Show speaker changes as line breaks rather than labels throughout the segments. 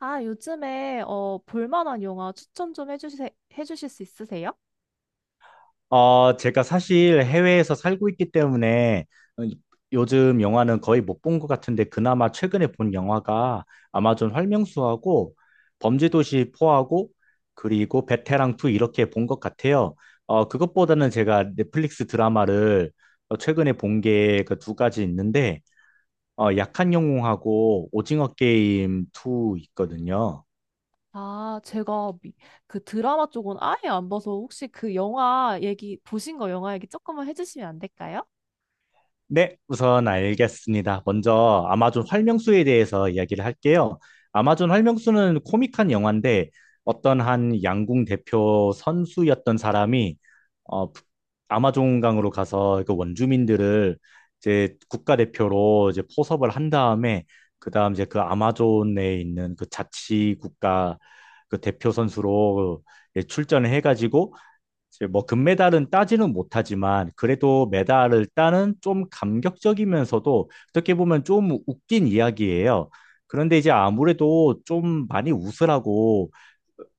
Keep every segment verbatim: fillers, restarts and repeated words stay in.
아, 요즘에 어, 볼만한 영화 추천 좀 해주세, 해주실 수 있으세요?
어 제가 사실 해외에서 살고 있기 때문에 어, 요즘 영화는 거의 못 본 것 같은데 그나마 최근에 본 영화가 아마존 활명수하고 범죄도시 사하고 그리고 베테랑 이 이렇게 본 것 같아요. 어, 그것보다는 제가 넷플릭스 드라마를 어, 최근에 본 게 그 두 가지 있는데 어, 약한 영웅하고 오징어 게임 이 있거든요.
아, 제가 미- 그 드라마 쪽은 아예 안 봐서 혹시 그 영화 얘기, 보신 거 영화 얘기 조금만 해주시면 안 될까요?
네, 우선 알겠습니다. 먼저 아마존 활명수에 대해서 이야기를 할게요. 아마존 활명수는 코믹한 영화인데 어떤 한 양궁 대표 선수였던 사람이 어, 아마존강으로 가서 그 원주민들을 이제 국가대표로 이제 포섭을 한 다음에 그다음 이제 그 아마존에 있는 그 자치 국가 그 대표 선수로 이제 출전을 해가지고 이제 뭐 금메달은 따지는 못하지만 그래도 메달을 따는 좀 감격적이면서도 어떻게 보면 좀 웃긴 이야기예요. 그런데 이제 아무래도 좀 많이 웃으라고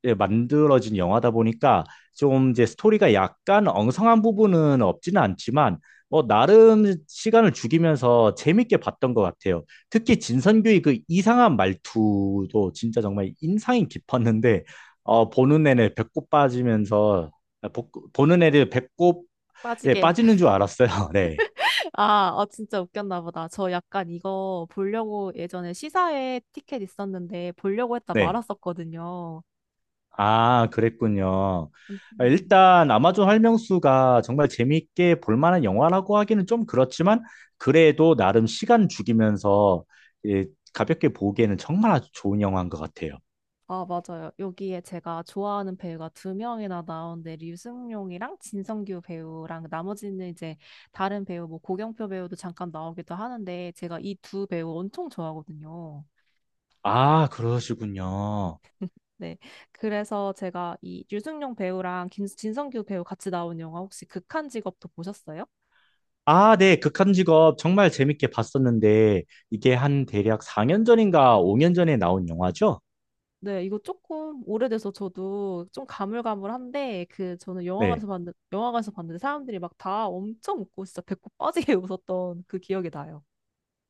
예, 만들어진 영화다 보니까 좀 이제 스토리가 약간 엉성한 부분은 없지는 않지만 뭐 나름 시간을 죽이면서 재밌게 봤던 것 같아요. 특히 진선규의 그 이상한 말투도 진짜 정말 인상이 깊었는데 어, 보는 내내 배꼽 빠지면서 보, 보는 애들 배꼽 예,
빠지게.
빠지는 줄 알았어요. 네.
아, 어 진짜 웃겼나 보다. 저 약간 이거 보려고 예전에 시사회 티켓 있었는데 보려고 했다
네.
말았었거든요.
아, 그랬군요.
음,
아,
음.
일단 아마존 활명수가 정말 재미있게 볼 만한 영화라고 하기는 좀 그렇지만 그래도 나름 시간 죽이면서 예, 가볍게 보기에는 정말 아주 좋은 영화인 것 같아요.
아, 맞아요. 여기에 제가 좋아하는 배우가 두 명이나 나오는데, 류승룡이랑 진성규 배우랑 나머지는 이제 다른 배우, 뭐 고경표 배우도 잠깐 나오기도 하는데, 제가 이 두 배우 엄청 좋아하거든요.
아, 그러시군요.
네. 그래서 제가 이 류승룡 배우랑 긴, 진성규 배우 같이 나온 영화 혹시 극한 직업도 보셨어요?
아, 네. 극한 직업 정말 재밌게 봤었는데 이게 한 대략 사 년 전인가 오 년 전에 나온 영화죠?
네, 이거 조금 오래돼서 저도 좀 가물가물한데, 그, 저는
네.
영화관에서 봤는데, 영화관에서 봤는데 사람들이 막 다 엄청 웃고 진짜 배꼽 빠지게 웃었던 그 기억이 나요.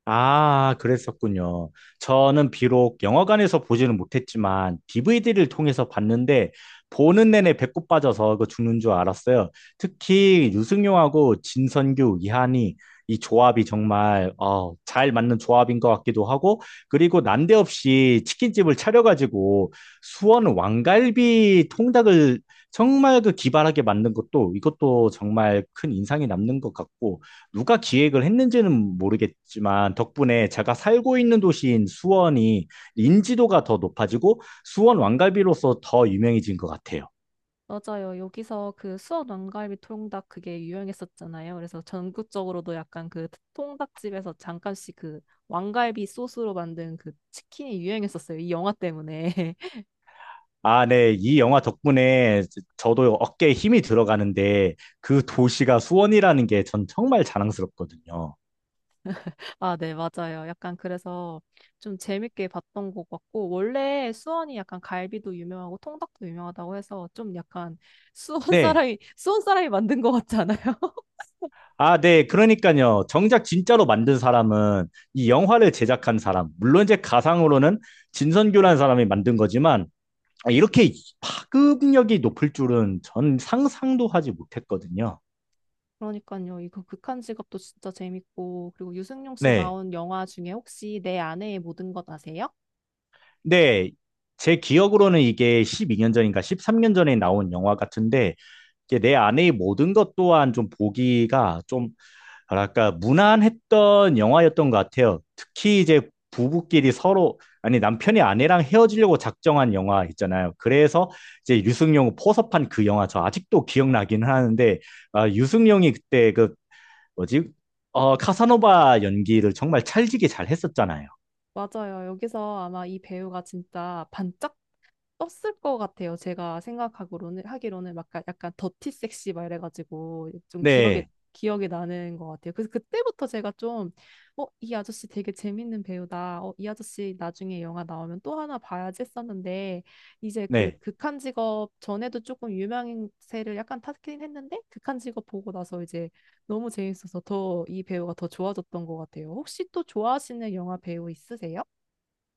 아, 그랬었군요. 저는 비록 영화관에서 보지는 못했지만 디비디를 통해서 봤는데 보는 내내 배꼽 빠져서 그 죽는 줄 알았어요. 특히 유승용하고 진선규, 이한이 이 조합이 정말 어, 잘 맞는 조합인 것 같기도 하고 그리고 난데없이 치킨집을 차려가지고 수원 왕갈비 통닭을 정말 그 기발하게 만든 것도 이것도 정말 큰 인상이 남는 것 같고 누가 기획을 했는지는 모르겠지만 덕분에 제가 살고 있는 도시인 수원이 인지도가 더 높아지고 수원 왕갈비로서 더 유명해진 것 같아요.
맞아요. 여기서 그 수원 왕갈비 통닭 그게 유행했었잖아요. 그래서 전국적으로도 약간 그 통닭집에서 잠깐씩 그 왕갈비 소스로 만든 그 치킨이 유행했었어요. 이 영화 때문에.
아, 네. 이 영화 덕분에 저도 어깨에 힘이 들어가는데 그 도시가 수원이라는 게 전 정말 자랑스럽거든요.
아, 네, 맞아요. 약간 그래서 좀 재밌게 봤던 것 같고, 원래 수원이 약간 갈비도 유명하고 통닭도 유명하다고 해서 좀 약간 수원
네.
사람이, 수원 사람이 만든 것 같지 않아요?
아, 네. 그러니까요. 정작 진짜로 만든 사람은 이 영화를 제작한 사람, 물론 이제 가상으로는 진선규라는 사람이 만든 거지만 아, 이렇게 파급력이 높을 줄은 전 상상도 하지 못했거든요.
그러니까요. 이거 극한 직업도 진짜 재밌고 그리고 유승용 씨
네.
나온 영화 중에 혹시 내 아내의 모든 것 아세요?
네, 제 기억으로는 이게 십이 년 전인가 십삼 년 전에 나온 영화 같은데 이게 내 안의 모든 것 또한 좀 보기가 좀 뭐랄까 무난했던 영화였던 것 같아요. 특히 이제 부부끼리 서로 아니 남편이 아내랑 헤어지려고 작정한 영화 있잖아요. 그래서 이제 유승용 포섭한 그 영화 저 아직도 기억나긴 하는데 아, 유승용이 그때 그 뭐지? 어, 카사노바 연기를 정말 찰지게 잘 했었잖아요.
맞아요. 여기서 아마 이 배우가 진짜 반짝 떴을 것 같아요. 제가 생각하기로는 하기로는 막 약간 약간 더티 섹시 막 이래가지고 좀 기억에
네,
기억에 나는 것 같아요. 그래서 그때부터 제가 좀 어, 이 아저씨 되게 재밌는 배우다. 어, 이 아저씨 나중에 영화 나오면 또 하나 봐야지 했었는데 이제 그
네.
극한 직업 전에도 조금 유명세를 약간 탔긴 했는데 극한 직업 보고 나서 이제 너무 재밌어서 더 이 배우가 더 좋아졌던 것 같아요. 혹시 또 좋아하시는 영화 배우 있으세요?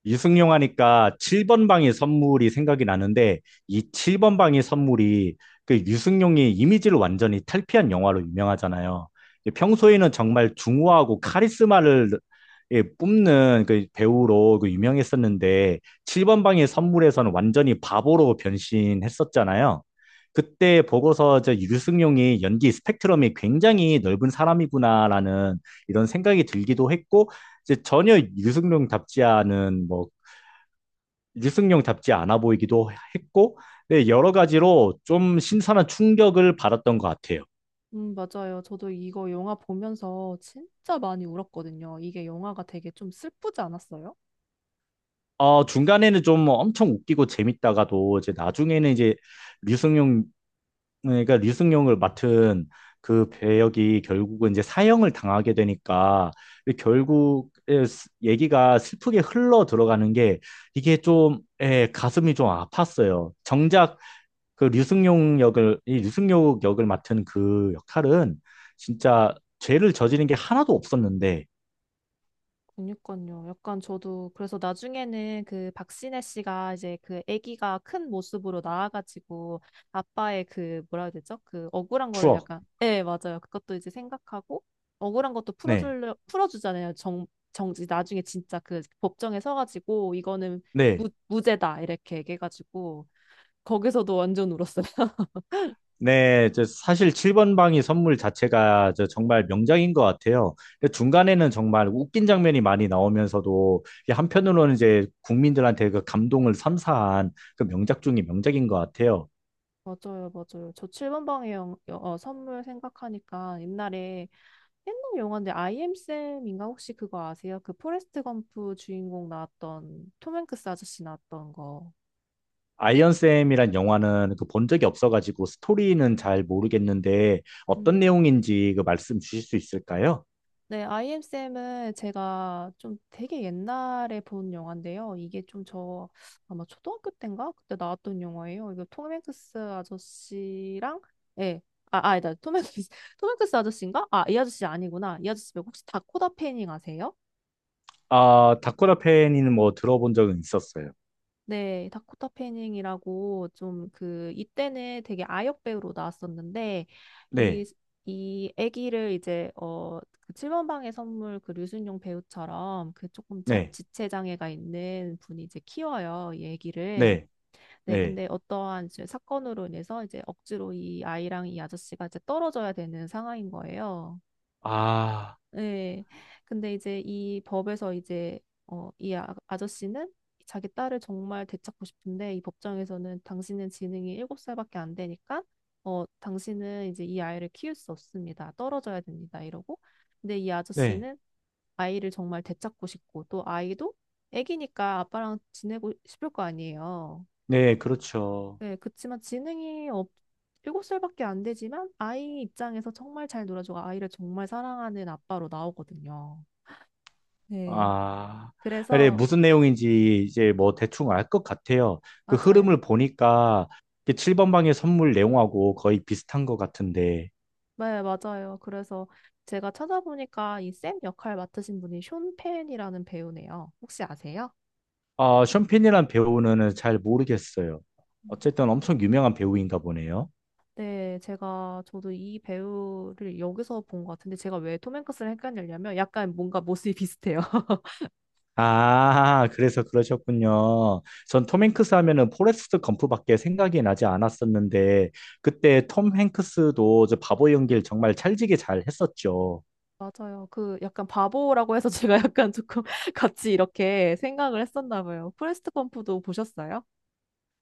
유승용 하니까 칠 번 방의 선물이 생각이 나는데 이 칠 번 방의 선물이 그 유승용이 이미지를 완전히 탈피한 영화로 유명하잖아요. 평소에는 정말 중후하고 카리스마를 예, 뿜는 그 배우로 그 유명했었는데 칠 번 방의 선물에서는 완전히 바보로 변신했었잖아요. 그때 보고서 저 유승용이 연기 스펙트럼이 굉장히 넓은 사람이구나라는 이런 생각이 들기도 했고 이제 전혀 유승룡답지 않은 뭐 유승룡답지 않아 보이기도 했고 네, 여러 가지로 좀 신선한 충격을 받았던 것 같아요.
음, 맞아요. 저도 이거 영화 보면서 진짜 많이 울었거든요. 이게 영화가 되게 좀 슬프지 않았어요?
어, 중간에는 좀 엄청 웃기고 재밌다가도 이제 나중에는 이제 류승룡 그러니까 류승룡을 맡은 그 배역이 결국은 이제 사형을 당하게 되니까 결국 에, 스- 얘기가 슬프게 흘러 들어가는 게 이게 좀 에 가슴이 좀 아팠어요. 정작 그 류승룡 역을 이 류승룡 역을 맡은 그 역할은 진짜 죄를 저지른 게 하나도 없었는데
그니까요. 약간 저도 그래서 나중에는 그 박신혜 씨가 이제 그 아기가 큰 모습으로 나와가지고 아빠의 그 뭐라 해야 되죠? 그 억울한 거를
추억.
약간 네, 맞아요. 그것도 이제 생각하고 억울한 것도
네.
풀어주려 풀어주잖아요. 정 정지 나중에 진짜 그 법정에 서가지고 이거는 무,
네.
무죄다 이렇게 얘기해가지고 거기서도 완전 울었어요.
네, 저 사실 칠 번 방이 선물 자체가 저 정말 명작인 것 같아요. 근데 중간에는 정말 웃긴 장면이 많이 나오면서도 이게 한편으로는 이제 국민들한테 그 감동을 선사한 그 명작 중의 명작인 것 같아요.
맞아요, 맞아요. 저 칠 번 방의 영, 여- 어, 선물 생각하니까 옛날에 옛날 영화인데 아이엠쌤인가 혹시 그거 아세요? 그 포레스트 검프 주인공 나왔던 톰 행크스 아저씨 나왔던 거.
아이언쌤이란 영화는 그 본 적이 없어가지고 스토리는 잘 모르겠는데 어떤
음.
내용인지 그 말씀 주실 수 있을까요?
네, 아이엠쌤은 제가 좀 되게 옛날에 본 영화인데요. 이게 좀 저 아마 초등학교 때인가 그때 나왔던 영화예요. 이거 톰 행크스 아저씨랑 예. 아, 아, 아니다. 톰 행크스, 톰 행크스 아저씨인가? 아, 이 아저씨 아니구나. 이 아저씨 말고 혹시 다코다 패닝 아세요?
아, 다쿠라 팬이는 뭐 들어본 적은 있었어요.
네, 다코타 패닝이라고 좀 그 이때는 되게 아역 배우로 나왔었는데 이
네,
이 아기를 이제 어그 칠 번 방의 선물 그 류순용 배우처럼 그 조금 자,
네,
지체 장애가 있는 분이 이제 키워요, 이 아기를.
네,
네,
네.
근데 어떠한 이제 사건으로 인해서 이제 억지로 이 아이랑 이 아저씨가 이제 떨어져야 되는 상황인 거예요.
아,
네. 근데 이제 이 법에서 이제 어, 이 아, 아저씨는 자기 딸을 정말 되찾고 싶은데 이 법정에서는 당신은 지능이 일곱 살밖에 안 되니까 어, 당신은 이제 이 아이를 키울 수 없습니다. 떨어져야 됩니다. 이러고. 근데 이
네,
아저씨는 아이를 정말 되찾고 싶고 또 아이도 애기니까 아빠랑 지내고 싶을 거 아니에요.
네, 그렇죠.
네, 그치만 지능이 없, 일곱 살밖에 안 되지만 아이 입장에서 정말 잘 놀아주고 아이를 정말 사랑하는 아빠로 나오거든요. 네.
아, 네,
그래서
무슨 내용인지 이제 뭐 대충 알 것 같아요. 그
맞아요.
흐름을 보니까 칠 번 방의 선물 내용하고 거의 비슷한 것 같은데.
네, 맞아요. 그래서 제가 찾아보니까 이 샘 역할 맡으신 분이 숀 펜이라는 배우네요. 혹시 아세요?
아, 션펜이란 배우는 잘 모르겠어요.
음.
어쨌든 엄청 유명한 배우인가 보네요.
네, 제가 저도 이 배우를 여기서 본 것 같은데 제가 왜 톰 행크스를 헷갈리냐면 약간 뭔가 모습이 비슷해요.
아, 그래서 그러셨군요. 전 톰 행크스 하면은 포레스트 검프밖에 생각이 나지 않았었는데, 그때 톰 행크스도 저 바보 연기를 정말 찰지게 잘 했었죠.
맞아요. 그 약간 바보라고 해서 제가 약간 조금 같이 이렇게 생각을 했었나 봐요. 프레스트 검프도 보셨어요?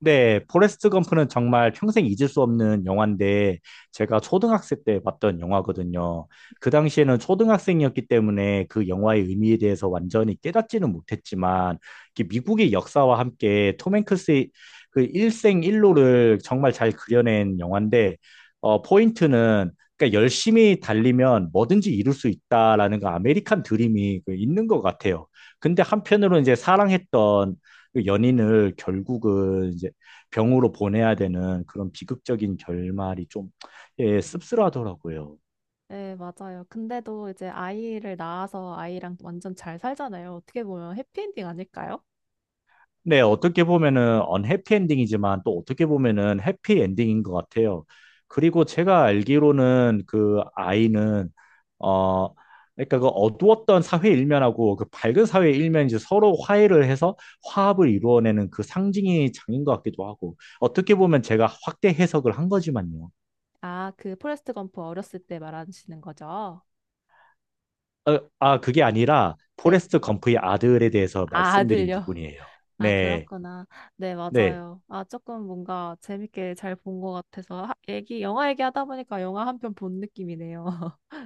네, 포레스트 검프는 정말 평생 잊을 수 없는 영화인데 제가 초등학생 때 봤던 영화거든요. 그 당시에는 초등학생이었기 때문에 그 영화의 의미에 대해서 완전히 깨닫지는 못했지만 이렇게 미국의 역사와 함께 톰 행크스의 그 일생 일로를 정말 잘 그려낸 영화인데 어, 포인트는 그러니까 열심히 달리면 뭐든지 이룰 수 있다라는 그 아메리칸 드림이 그 있는 것 같아요. 근데 한편으로 이제 사랑했던 그 연인을 결국은 이제 병으로 보내야 되는 그런 비극적인 결말이 좀 예, 씁쓸하더라고요.
네, 맞아요. 근데도 이제 아이를 낳아서 아이랑 완전 잘 살잖아요. 어떻게 보면 해피엔딩 아닐까요?
네, 어떻게 보면은 언해피 엔딩이지만 또 어떻게 보면은 해피 엔딩인 것 같아요. 그리고 제가 알기로는 그 아이는 어 그러니까 그 어두웠던 사회 일면하고 그 밝은 사회 일면이 이제 서로 화해를 해서 화합을 이루어내는 그 상징이 장인 것 같기도 하고 어떻게 보면 제가 확대 해석을 한 거지만요.
아, 그 포레스트 검프 어렸을 때 말하시는 거죠?
어, 아, 그게 아니라
네.
포레스트 검프의 아들에 대해서
아,
말씀드린
아들요.
부분이에요.
아,
네,
그렇구나. 네,
네.
맞아요. 아, 조금 뭔가 재밌게 잘 본 것 같아서 하, 얘기, 영화 얘기하다 보니까 영화 한 편 본 느낌이네요.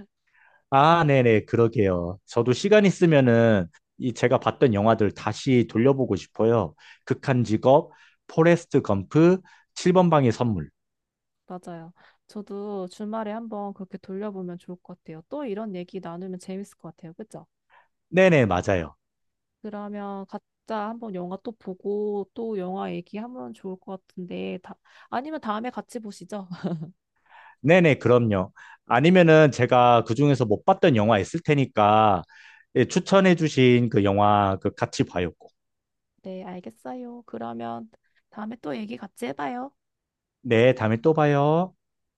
아, 네네, 그러게요. 저도 시간 있으면은 이 제가 봤던 영화들 다시 돌려보고 싶어요. 극한 직업, 포레스트 검프, 칠 번 방의 선물.
맞아요. 저도 주말에 한번 그렇게 돌려보면 좋을 것 같아요. 또 이런 얘기 나누면 재밌을 것 같아요. 그죠?
네네, 맞아요.
그러면 각자 한번 영화 또 보고 또 영화 얘기하면 좋을 것 같은데 다, 아니면 다음에 같이 보시죠.
네네, 그럼요. 아니면은 제가 그중에서 못 봤던 영화 있을 테니까 예, 추천해 주신 그 영화 그 같이 봐요. 꼭.
네, 알겠어요. 그러면 다음에 또 얘기 같이 해봐요.
네, 다음에 또 봐요.